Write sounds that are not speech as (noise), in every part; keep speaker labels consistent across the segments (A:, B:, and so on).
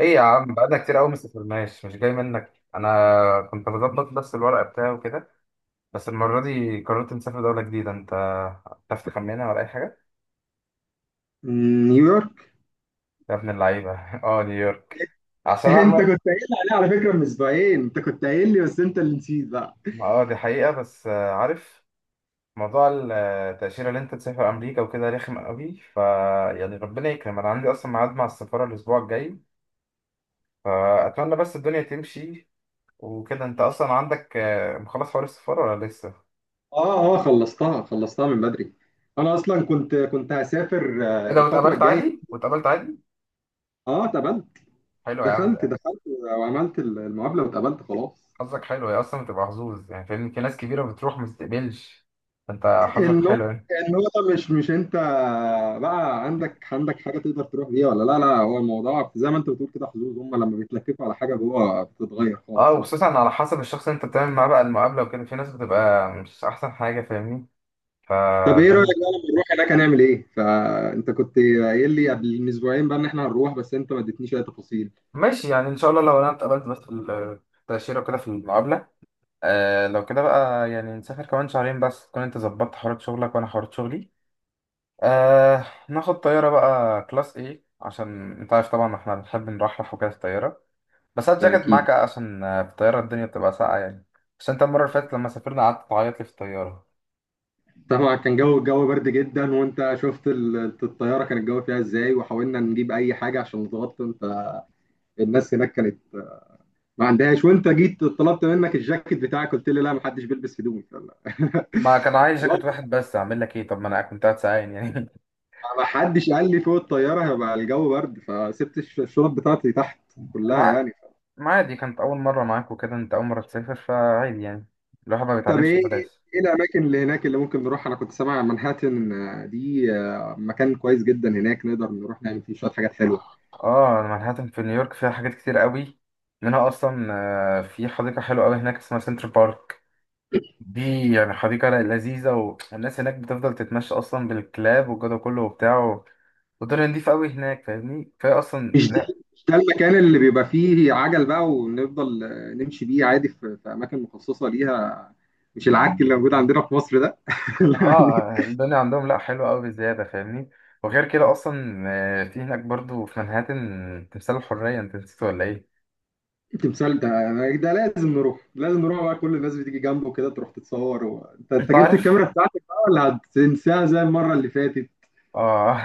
A: ايه يا عم، بقالنا كتير قوي ما سافرناش. مش جاي منك، انا كنت بظبط بس الورق بتاعي وكده. بس المره دي قررت نسافر دوله جديده. انت تعرف تخمنها ولا اي حاجه؟
B: نيويورك.
A: يا ابن اللعيبه (laughs) اه، نيويورك.
B: (laughs)
A: عشان
B: انت
A: اعمل.
B: كنت قايل لي عليها على فكره من اسبوعين، انت كنت قايل لي، بس انت اللي نسيت بقى.
A: اه دي حقيقه، بس عارف موضوع التأشيرة اللي انت تسافر امريكا وكده رخم قوي. يعني ربنا يكرم، انا عندي اصلا ميعاد مع السفاره الاسبوع الجاي. فاتمنى بس الدنيا تمشي وكده. انت اصلا عندك مخلص حوار السفاره ولا لسه؟
B: اه، اه، خلصتها خلصتها من بدري. انا اصلا كنت هسافر
A: ايه، لو
B: الفتره
A: اتقابلت
B: الجايه.
A: عادي واتقابلت عادي؟
B: اه اتقبلت.
A: حلو يا
B: دخلت
A: عم.
B: دخلت وعملت المقابله واتقبلت خلاص.
A: حظك حلو، هي اصلا بتبقى حظوظ يعني، فاهم؟ في ناس كبيره بتروح ما بتستقبلش، فانت حظك
B: النقطه
A: حلو يعني.
B: النقطه مش انت، بقى عندك حاجه تقدر تروح بيها ولا لا لا، هو الموضوع زي ما انت بتقول كده حظوظ، هم لما بيتلككوا على حاجه جوه بتتغير
A: اه،
B: خالص يعني.
A: وخصوصا على حسب الشخص اللي انت بتعمل معاه بقى المقابله وكده، في ناس بتبقى مش احسن حاجه، فاهمني؟
B: طب
A: فده
B: ايه رايك بقى
A: أنا-
B: لما نروح هناك هنعمل ايه؟ فانت كنت قايل لي قبل من اسبوعين بقى ان احنا هنروح، بس انت ما اديتنيش اي تفاصيل.
A: ماشي يعني، ان شاء الله لو انا اتقبلت بس في التاشيره وكده في المقابله. آه، لو كده بقى يعني نسافر كمان شهرين، بس تكون انت ظبطت حوارات شغلك وانا حوارات شغلي. آه، ناخد طياره بقى كلاس ايه؟ عشان انت عارف طبعا احنا بنحب نرحرح وكده في الطياره. بس هات
B: ده
A: جاكيت
B: اكيد.
A: معاك عشان في الطيارة الدنيا بتبقى ساقعة يعني. بس انت المرة اللي فاتت لما سافرنا قعدت تعيط لي في الطيارة.
B: طبعا كان الجو برد جدا، وانت شفت الطياره كان الجو فيها ازاي، وحاولنا نجيب اي حاجه عشان نتغطى. انت الناس هناك كانت ما عندهاش، وانت جيت طلبت منك الجاكيت بتاعك قلت لي لا، ما حدش بيلبس هدوم
A: ما كان عايز
B: خلاص.
A: جاكيت واحد بس، اعمل لك ايه؟ طب ما انا كنت قاعد ساعين يعني.
B: ما حدش قال لي فوق الطياره هيبقى الجو برد، فسبت الشنط بتاعتي تحت
A: (laughs)
B: كلها
A: مع
B: يعني.
A: ما عادي، كانت أول مرة معاك وكده، انت أول مرة تسافر، فعادي يعني، الواحد ما
B: طب
A: بيتعلمش
B: ايه
A: ببلاش.
B: ايه الاماكن اللي هناك اللي ممكن نروح؟ انا كنت سامع منهاتن دي مكان كويس جدا هناك، نقدر نروح نعمل فيه شويه حاجات حلوه.
A: اه، أنا مانهاتن في نيويورك فيها حاجات كتير قوي. منها اصلا في حديقة حلوة قوي هناك اسمها سنتر بارك. دي يعني حديقة لذيذة، والناس هناك بتفضل تتمشى اصلا بالكلاب والجو ده كله وبتاع، والدنيا نضيفة أوي هناك، فاهمني؟ كفاية أصلا لا.
B: مش ده المكان اللي بيبقى فيه عجل بقى، ونفضل نمشي بيه عادي في اماكن مخصصه ليها، مش العك اللي موجود عندنا في مصر ده. (laughs) لا، دي-
A: آه، الدنيا عندهم لا، حلوة أوي بزيادة، فاهمني؟ وغير كده أصلا في هناك برضو في منهاتن تمثال الحرية. أنت نسيت ولا إيه؟
B: التمثال ده ده لازم نروح، لازم نروح بقى، كل الناس بتيجي جنبه كده تروح تتصور و أنت
A: أنت
B: جبت
A: عارف؟
B: الكاميرا بتاعتك بقى ولا هتنساها زي المره اللي فاتت؟
A: آه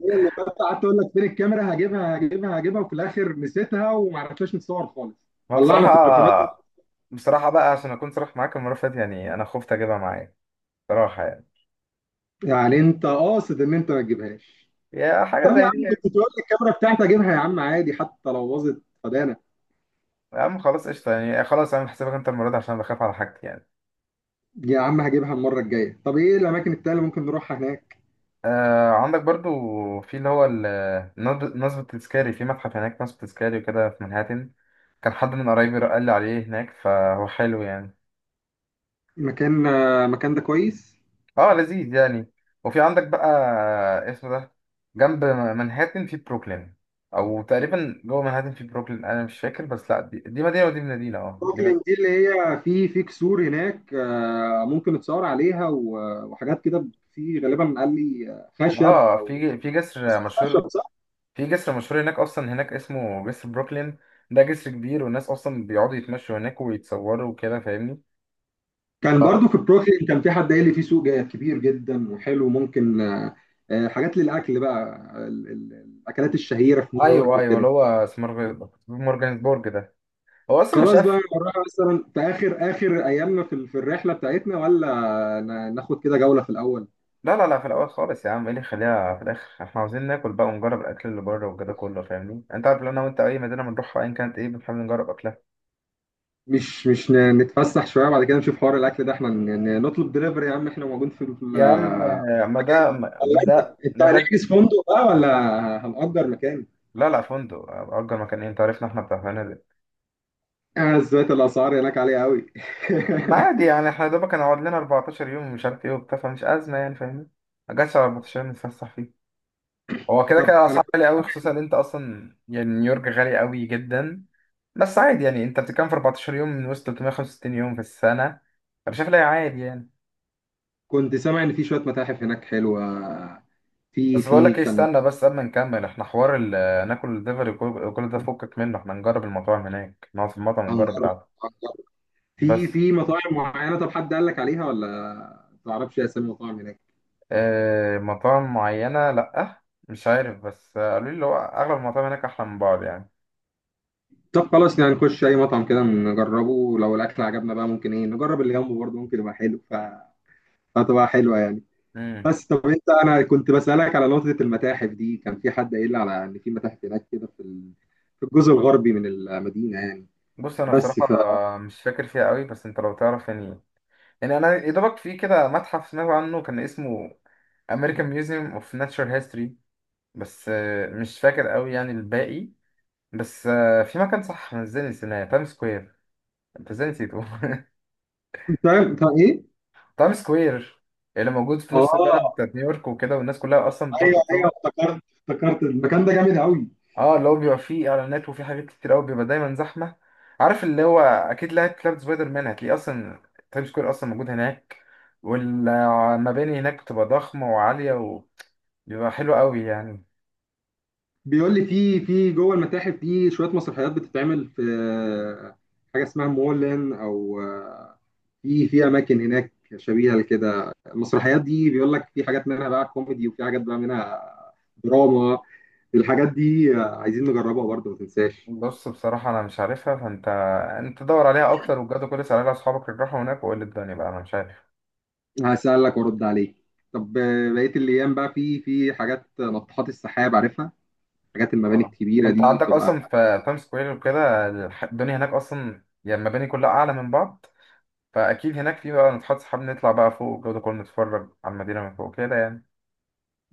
B: هي اللي بس قعدت اقول لك فين الكاميرا، هجيبها هجيبها هجيبها، وفي الاخر نسيتها وما عرفناش نتصور خالص.
A: ما بصراحة،
B: طلعنا تليفوناتنا.
A: بصراحة بقى عشان أكون صريح معاك، المرة اللي فاتت يعني أنا خفت أجيبها معايا، بصراحة يعني،
B: يعني انت قاصد ان انت ما تجيبهاش؟
A: يا
B: طب
A: حاجة
B: يا
A: زي دي
B: عم، كنت
A: يعني.
B: تقول لي الكاميرا بتاعتي هجيبها، يا عم عادي حتى لو باظت فدانا.
A: يا عم خلاص، قشطة يعني، خلاص أعمل حسابك أنت المرة دي، عشان بخاف على حاجتي يعني.
B: يا عم هجيبها المره الجايه. طب ايه الاماكن التانيه اللي ممكن نروحها هناك؟
A: آه، عندك برضو في اللي هو ال- نض- نصب التذكاري، في متحف هناك نصب تذكاري وكده في منهاتن. كان حد من قرايبي قال لي عليه هناك، فهو حلو يعني.
B: مكان ده كويس.
A: اه، لذيذ يعني. وفي عندك بقى، اسمه ده، جنب منهاتن في بروكلين، او تقريبا جوه منهاتن في بروكلين، انا مش فاكر. بس لا دي مدينه، ودي مدينه، اه دي
B: بروكلين
A: مد...
B: دي اللي هي في كسور هناك، ممكن نتصور عليها وحاجات كده، في غالبا قال لي
A: اه في جسر مشهور.
B: خشب.
A: في جسر مشهور هناك اصلا، هناك اسمه جسر بروكلين. ده جسر كبير، والناس اصلا بيقعدوا يتمشوا هناك ويتصوروا وكده، فاهمني؟
B: كان برضو في بروكلين كان في حد قال لي في سوق كبير جدا وحلو، ممكن حاجات للاكل بقى، ال- ال- الاكلات الشهيره في نيويورك
A: ايوه ايوه، اللي
B: وكده.
A: هو مورجانسبورج ده، هو اصلا مش
B: خلاص بقى
A: قافل.
B: نروح مثلا في اخر اخر ايامنا في في الرحله بتاعتنا، ولا ناخد كده جوله في الاول؟
A: لا، في الاول خالص يا عم. ايه اللي يخليها في الاخر؟ احنا عاوزين ناكل بقى ونجرب الاكل اللي بره والجو ده كله، فاهمني؟ انت عارف لو انا وانت اي مدينه بنروحها ايا كانت ايه، بنحاول نجرب اكلها.
B: مش مش نتفسح شويه بعد كده نشوف حوار الاكل ده، احنا نطلب دليفري يا عم، احنا موجود في
A: يا عم
B: (laughs)
A: ما ده ما
B: ولا انت
A: ده ما ده
B: هنحجز فندق بقى ولا هنأجر مكان؟
A: لا لا، فندق، اجر مكان ايه، انت عارفنا احنا بتاع فنادق.
B: زيادة الاسعار هناك عاليه قوي.
A: ما
B: (laughs)
A: عادي يعني، احنا يا دوبك هنقعد لنا 14 يوم ومش عارف ايه وبتاع، فمش ازمه يعني، فاهمني؟ ما جاتش على 14 يوم نتفسح فيه. هو كده كده اسعار
B: انا
A: غاليه قوي، خصوصا ان انت اصلا يعني نيويورك غالي قوي جدا. بس عادي يعني، انت بتتكلم في 14 يوم من وسط 365 يوم في السنة. انا شايف لا عادي يعني.
B: كنت سامع ان في شويه متاحف هناك حلوه، في
A: بس بقول
B: في
A: لك ايه،
B: كان
A: استنى بس قبل ما نكمل احنا حوار ناكل الدليفري كل ده، فكك منه، احنا نجرب المطاعم هناك، نقعد في المطعم ونجرب
B: هنجرب
A: القعدة.
B: هنجرب، في
A: بس
B: في مطاعم معينه. طب حد قال لك عليها ولا؟ ما تعرفش اسامي مطاعم هناك؟
A: اه، مطاعم معينة لأ، مش عارف، بس قالوا لي اللي هو أغلب المطاعم هناك أحلى من بعض يعني.
B: طب خلاص، يعني نخش اي مطعم كده نجربه، لو الاكل عجبنا بقى ممكن ايه نجرب اللي جنبه برضه ممكن يبقى حلو فتبقى حلوه يعني.
A: امم،
B: بس طب انت، انا كنت بسالك على نقطه المتاحف دي، كان في حد قايل لي على ان في متاحف هناك كده في في الجزء الغربي من المدينه يعني،
A: بص أنا
B: بس
A: بصراحة
B: ف
A: مش فاكر فيها قوي، بس أنت لو تعرف يعني. يعني أنا يا دوبك في كده متحف سمعت عنه كان اسمه American Museum of Natural History، بس مش فاكر قوي يعني الباقي. بس في مكان، صح، أنا ازاي نسيناه؟ تايم سكوير. انت ازاي نسيته؟ (laughs)
B: إنت ايه؟
A: تايم سكوير، اللي موجود في نص البلد
B: اه،
A: بتاعت نيويورك وكده، والناس كلها اصلا بتقعد
B: ايوه، ايوه،
A: تتصور.
B: افتكرت افتكرت، المكان ده جامد قوي.
A: اه، اللي هو بيبقى فيه اعلانات وفيه حاجات كتير قوي، بيبقى دايما زحمه. عارف اللي هو اكيد لعبت لعبه سبايدر مان، هتلاقيه اصلا تايم سكوير اصلا موجود هناك. والمباني هناك بتبقى ضخمه وعاليه، وبيبقى حلو قوي يعني.
B: بيقول لي في جوه المتاحف في شويه مسرحيات بتتعمل في حاجه اسمها مولان، او في اماكن هناك شبيهه لكده، المسرحيات دي بيقول لك في حاجات منها بقى كوميدي، وفي حاجات بقى منها دراما. الحاجات دي عايزين نجربها برضه، ما تنساش.
A: بص بصراحة أنا مش عارفها، فأنت، أنت دور عليها أكتر وبجد، كل سنة على أصحابك اللي راحوا هناك وقول لي الدنيا بقى، أنا مش عارف.
B: هسألك وارد عليك. طب بقيه الايام بقى، في حاجات ناطحات السحاب عارفها، حاجات المباني
A: اه، ما
B: الكبيره
A: أنت
B: دي
A: عندك
B: بتبقى.
A: أصلا في تايم سكوير وكده الدنيا هناك أصلا يعني، المباني كلها أعلى من بعض، فأكيد هناك في بقى، نتحط صحاب نطلع بقى فوق والجو ده كله، نتفرج على المدينة من فوق كده يعني.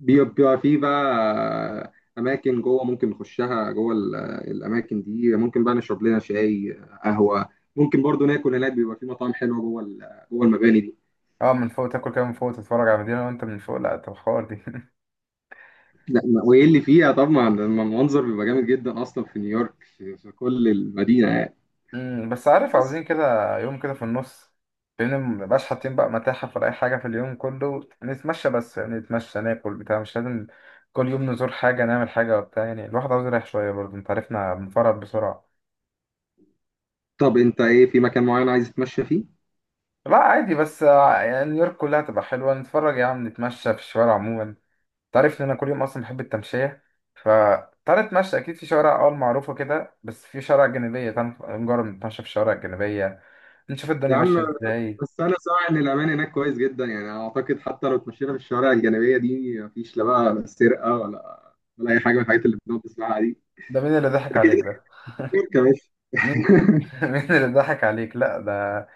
B: بيبقى في بقى اماكن جوه ممكن نخشها جوه الاماكن دي، ممكن بقى نشرب لنا شاي، قهوه، ممكن برضو ناكل هناك، بيبقى في مطاعم حلوه جوه جوه المباني دي.
A: أه، من فوق تاكل كده، من فوق تتفرج على المدينة، وأنت من فوق، لأ، طب حوار دي.
B: لا وايه اللي فيها؟ طبعا المنظر بيبقى جامد جدا اصلا في نيويورك، في كل المدينه يعني.
A: مم، بس عارف،
B: بس
A: عاوزين كده يوم كده في النص، لان مبقاش حاطين بقى متاحف ولا اي حاجه، في اليوم كله نتمشى بس يعني، نتمشى ناكل بتاع، مش لازم كل يوم نزور حاجه نعمل حاجه وبتاع يعني، الواحد عاوز يريح شويه برضه، انت عارفنا بنفرط بسرعه.
B: طب انت ايه، في مكان معين عايز تتمشى فيه؟
A: لا عادي، بس يعني نيويورك كلها تبقى حلوه، نتفرج يا عم، نتمشى في الشوارع عموما. انت عارف ان انا كل يوم اصلا بحب التمشيه، ف تعالى نتمشى، اكيد في شوارع اه معروفه كده، بس في شوارع جانبيه، تعالى نجرب نتمشى في الشوارع الجانبيه، نشوف الدنيا
B: يا عم.
A: ماشيه ازاي.
B: بس انا سامع ان الامان هناك كويس جدا، يعني اعتقد حتى لو اتمشينا في الشوارع الجانبيه دي مفيش لا بقى سرقه ولا اي حاجه من الحاجات اللي بنقعد نسمعها دي.
A: ده مين اللي ضحك
B: اكيد
A: عليك ده؟
B: يا باشا.
A: مين (laughs)
B: (laughs)
A: مين اللي ضحك عليك؟ لا ده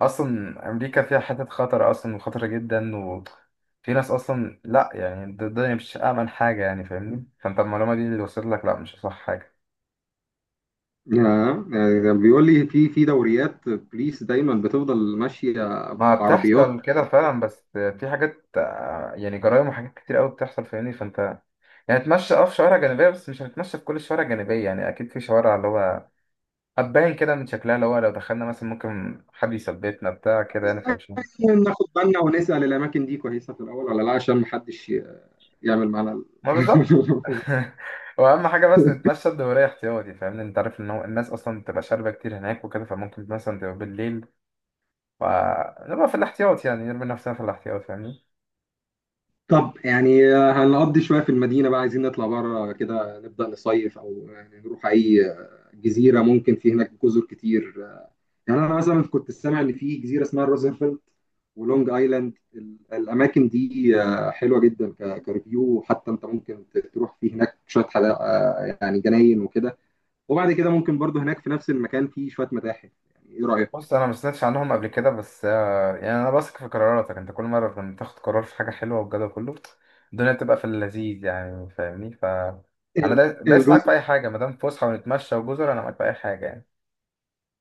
A: اصلا امريكا فيها حتت خطر اصلا، وخطرة جدا، وفي ناس اصلا لا يعني، ده الدنيا مش امن حاجة يعني، فاهمني؟ فانت المعلومة دي اللي وصلت لك لا مش صح حاجة.
B: يعني ده بيقول لي في دوريات بوليس دايما بتفضل ماشيه،
A: ما
B: بعربيات.
A: بتحصل كده فعلا، بس في حاجات يعني جرايم وحاجات كتير قوي بتحصل، فاهمني؟ فانت يعني اتمشى اه في شوارع جانبية، بس مش هنتمشى في كل الشوارع الجانبية يعني. أكيد في شوارع اللي هو هتبان كده من شكلها، اللي هو لو دخلنا مثلا ممكن حد يثبتنا بتاع كده
B: بس
A: يعني، فمش،
B: يعني ناخد بالنا ونسال الاماكن دي كويسه في الاول ولا لا، عشان محدش يعمل معانا
A: ما بالظبط.
B: (laughs)
A: (laughs) واهم حاجه بس نتمشى الدوريه احتياطي، فاهمني؟ انت عارف ان هو الناس اصلا بتبقى شاربه كتير هناك وكده، فممكن مثلا تبقى بالليل، فنبقى في الاحتياط يعني، نرمي نفسنا في الاحتياط، فاهمني؟
B: طب يعني هنقضي شويه في المدينه بقى، عايزين نطلع بره كده نبدا نصيف، او يعني نروح اي جزيره ممكن، في هناك جزر كتير. يعني انا مثلا كنت سامع ان في جزيره اسمها روزنفلد ولونج ايلاند، الاماكن دي حلوه جدا، كريفيو حتى، انت ممكن تروح في هناك شويه حدا، يعني جناين وكده، وبعد كده ممكن برضو هناك في نفس المكان في شويه متاحف، يعني ايه رايك؟
A: بص انا ما سمعتش عنهم قبل كده، بس يعني انا بثق في قراراتك، انت كل مره لما تاخد قرار في حاجه حلوه، والجدع كله الدنيا بتبقى في اللذيذ يعني، فاهمني؟ انا
B: ال-
A: دايس معاك في
B: الجزر،
A: اي حاجه، ما دام فسحه ونتمشى وجزر، انا معاك في اي حاجه يعني.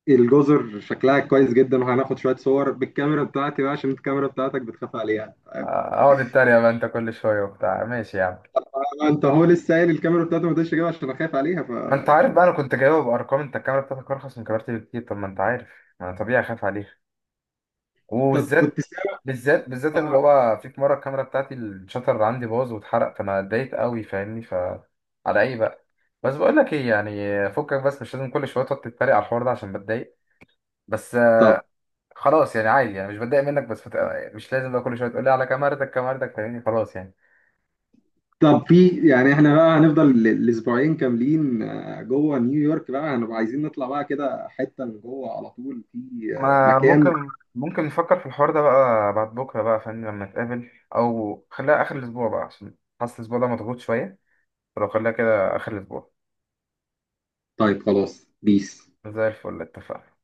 B: الجزر شكلها كويس جدا، وهناخد شويه صور بالكاميرا بتاعتي بقى عشان الكاميرا بتاعتك بتخاف عليها.
A: آه، اقعد اتريق بقى انت كل شويه وبتاع، ماشي يا عم.
B: طبعا انت هو لسه قايل الكاميرا بتاعته ما تقدرش اجيبها عشان اخاف عليها
A: ما انت عارف بقى،
B: يعني.
A: انا كنت جايبها بارقام، انت الكاميرا بتاعتك ارخص من كاميرتي بكتير، طب ما انت عارف، ما انا طبيعي اخاف عليها.
B: طب كنت
A: وبالذات
B: سامع
A: بالذات
B: آه،
A: اللي هو في في مره الكاميرا بتاعتي الشاتر عندي باظ واتحرق، فانا اتضايقت قوي، فاهمني؟ على ايه بقى؟ بس بقول لك ايه، يعني فكك بس، مش لازم كل شويه تقعد تتريق على الحوار ده، عشان بتضايق. بس
B: طب
A: خلاص يعني، عادي يعني، مش بتضايق منك بس مش لازم بقى كل شويه تقول لي على كاميرتك كاميرتك، فاهمني؟ خلاص يعني.
B: طب في يعني، احنا بقى هنفضل الاسبوعين كاملين جوه نيويورك بقى، هنبقى عايزين نطلع بقى كده حتة من جوه على طول، في
A: ما أنا
B: مكان.
A: ممكن نفكر في الحوار ده بقى بعد بكرة بقى، فاهمني؟ لما نتقابل، أو خليها آخر الأسبوع بقى، عشان حاسس الأسبوع ده مضغوط شوية، فلو خليها كده آخر الأسبوع.
B: طيب خلاص بيس.
A: زي الفل، اتفقنا.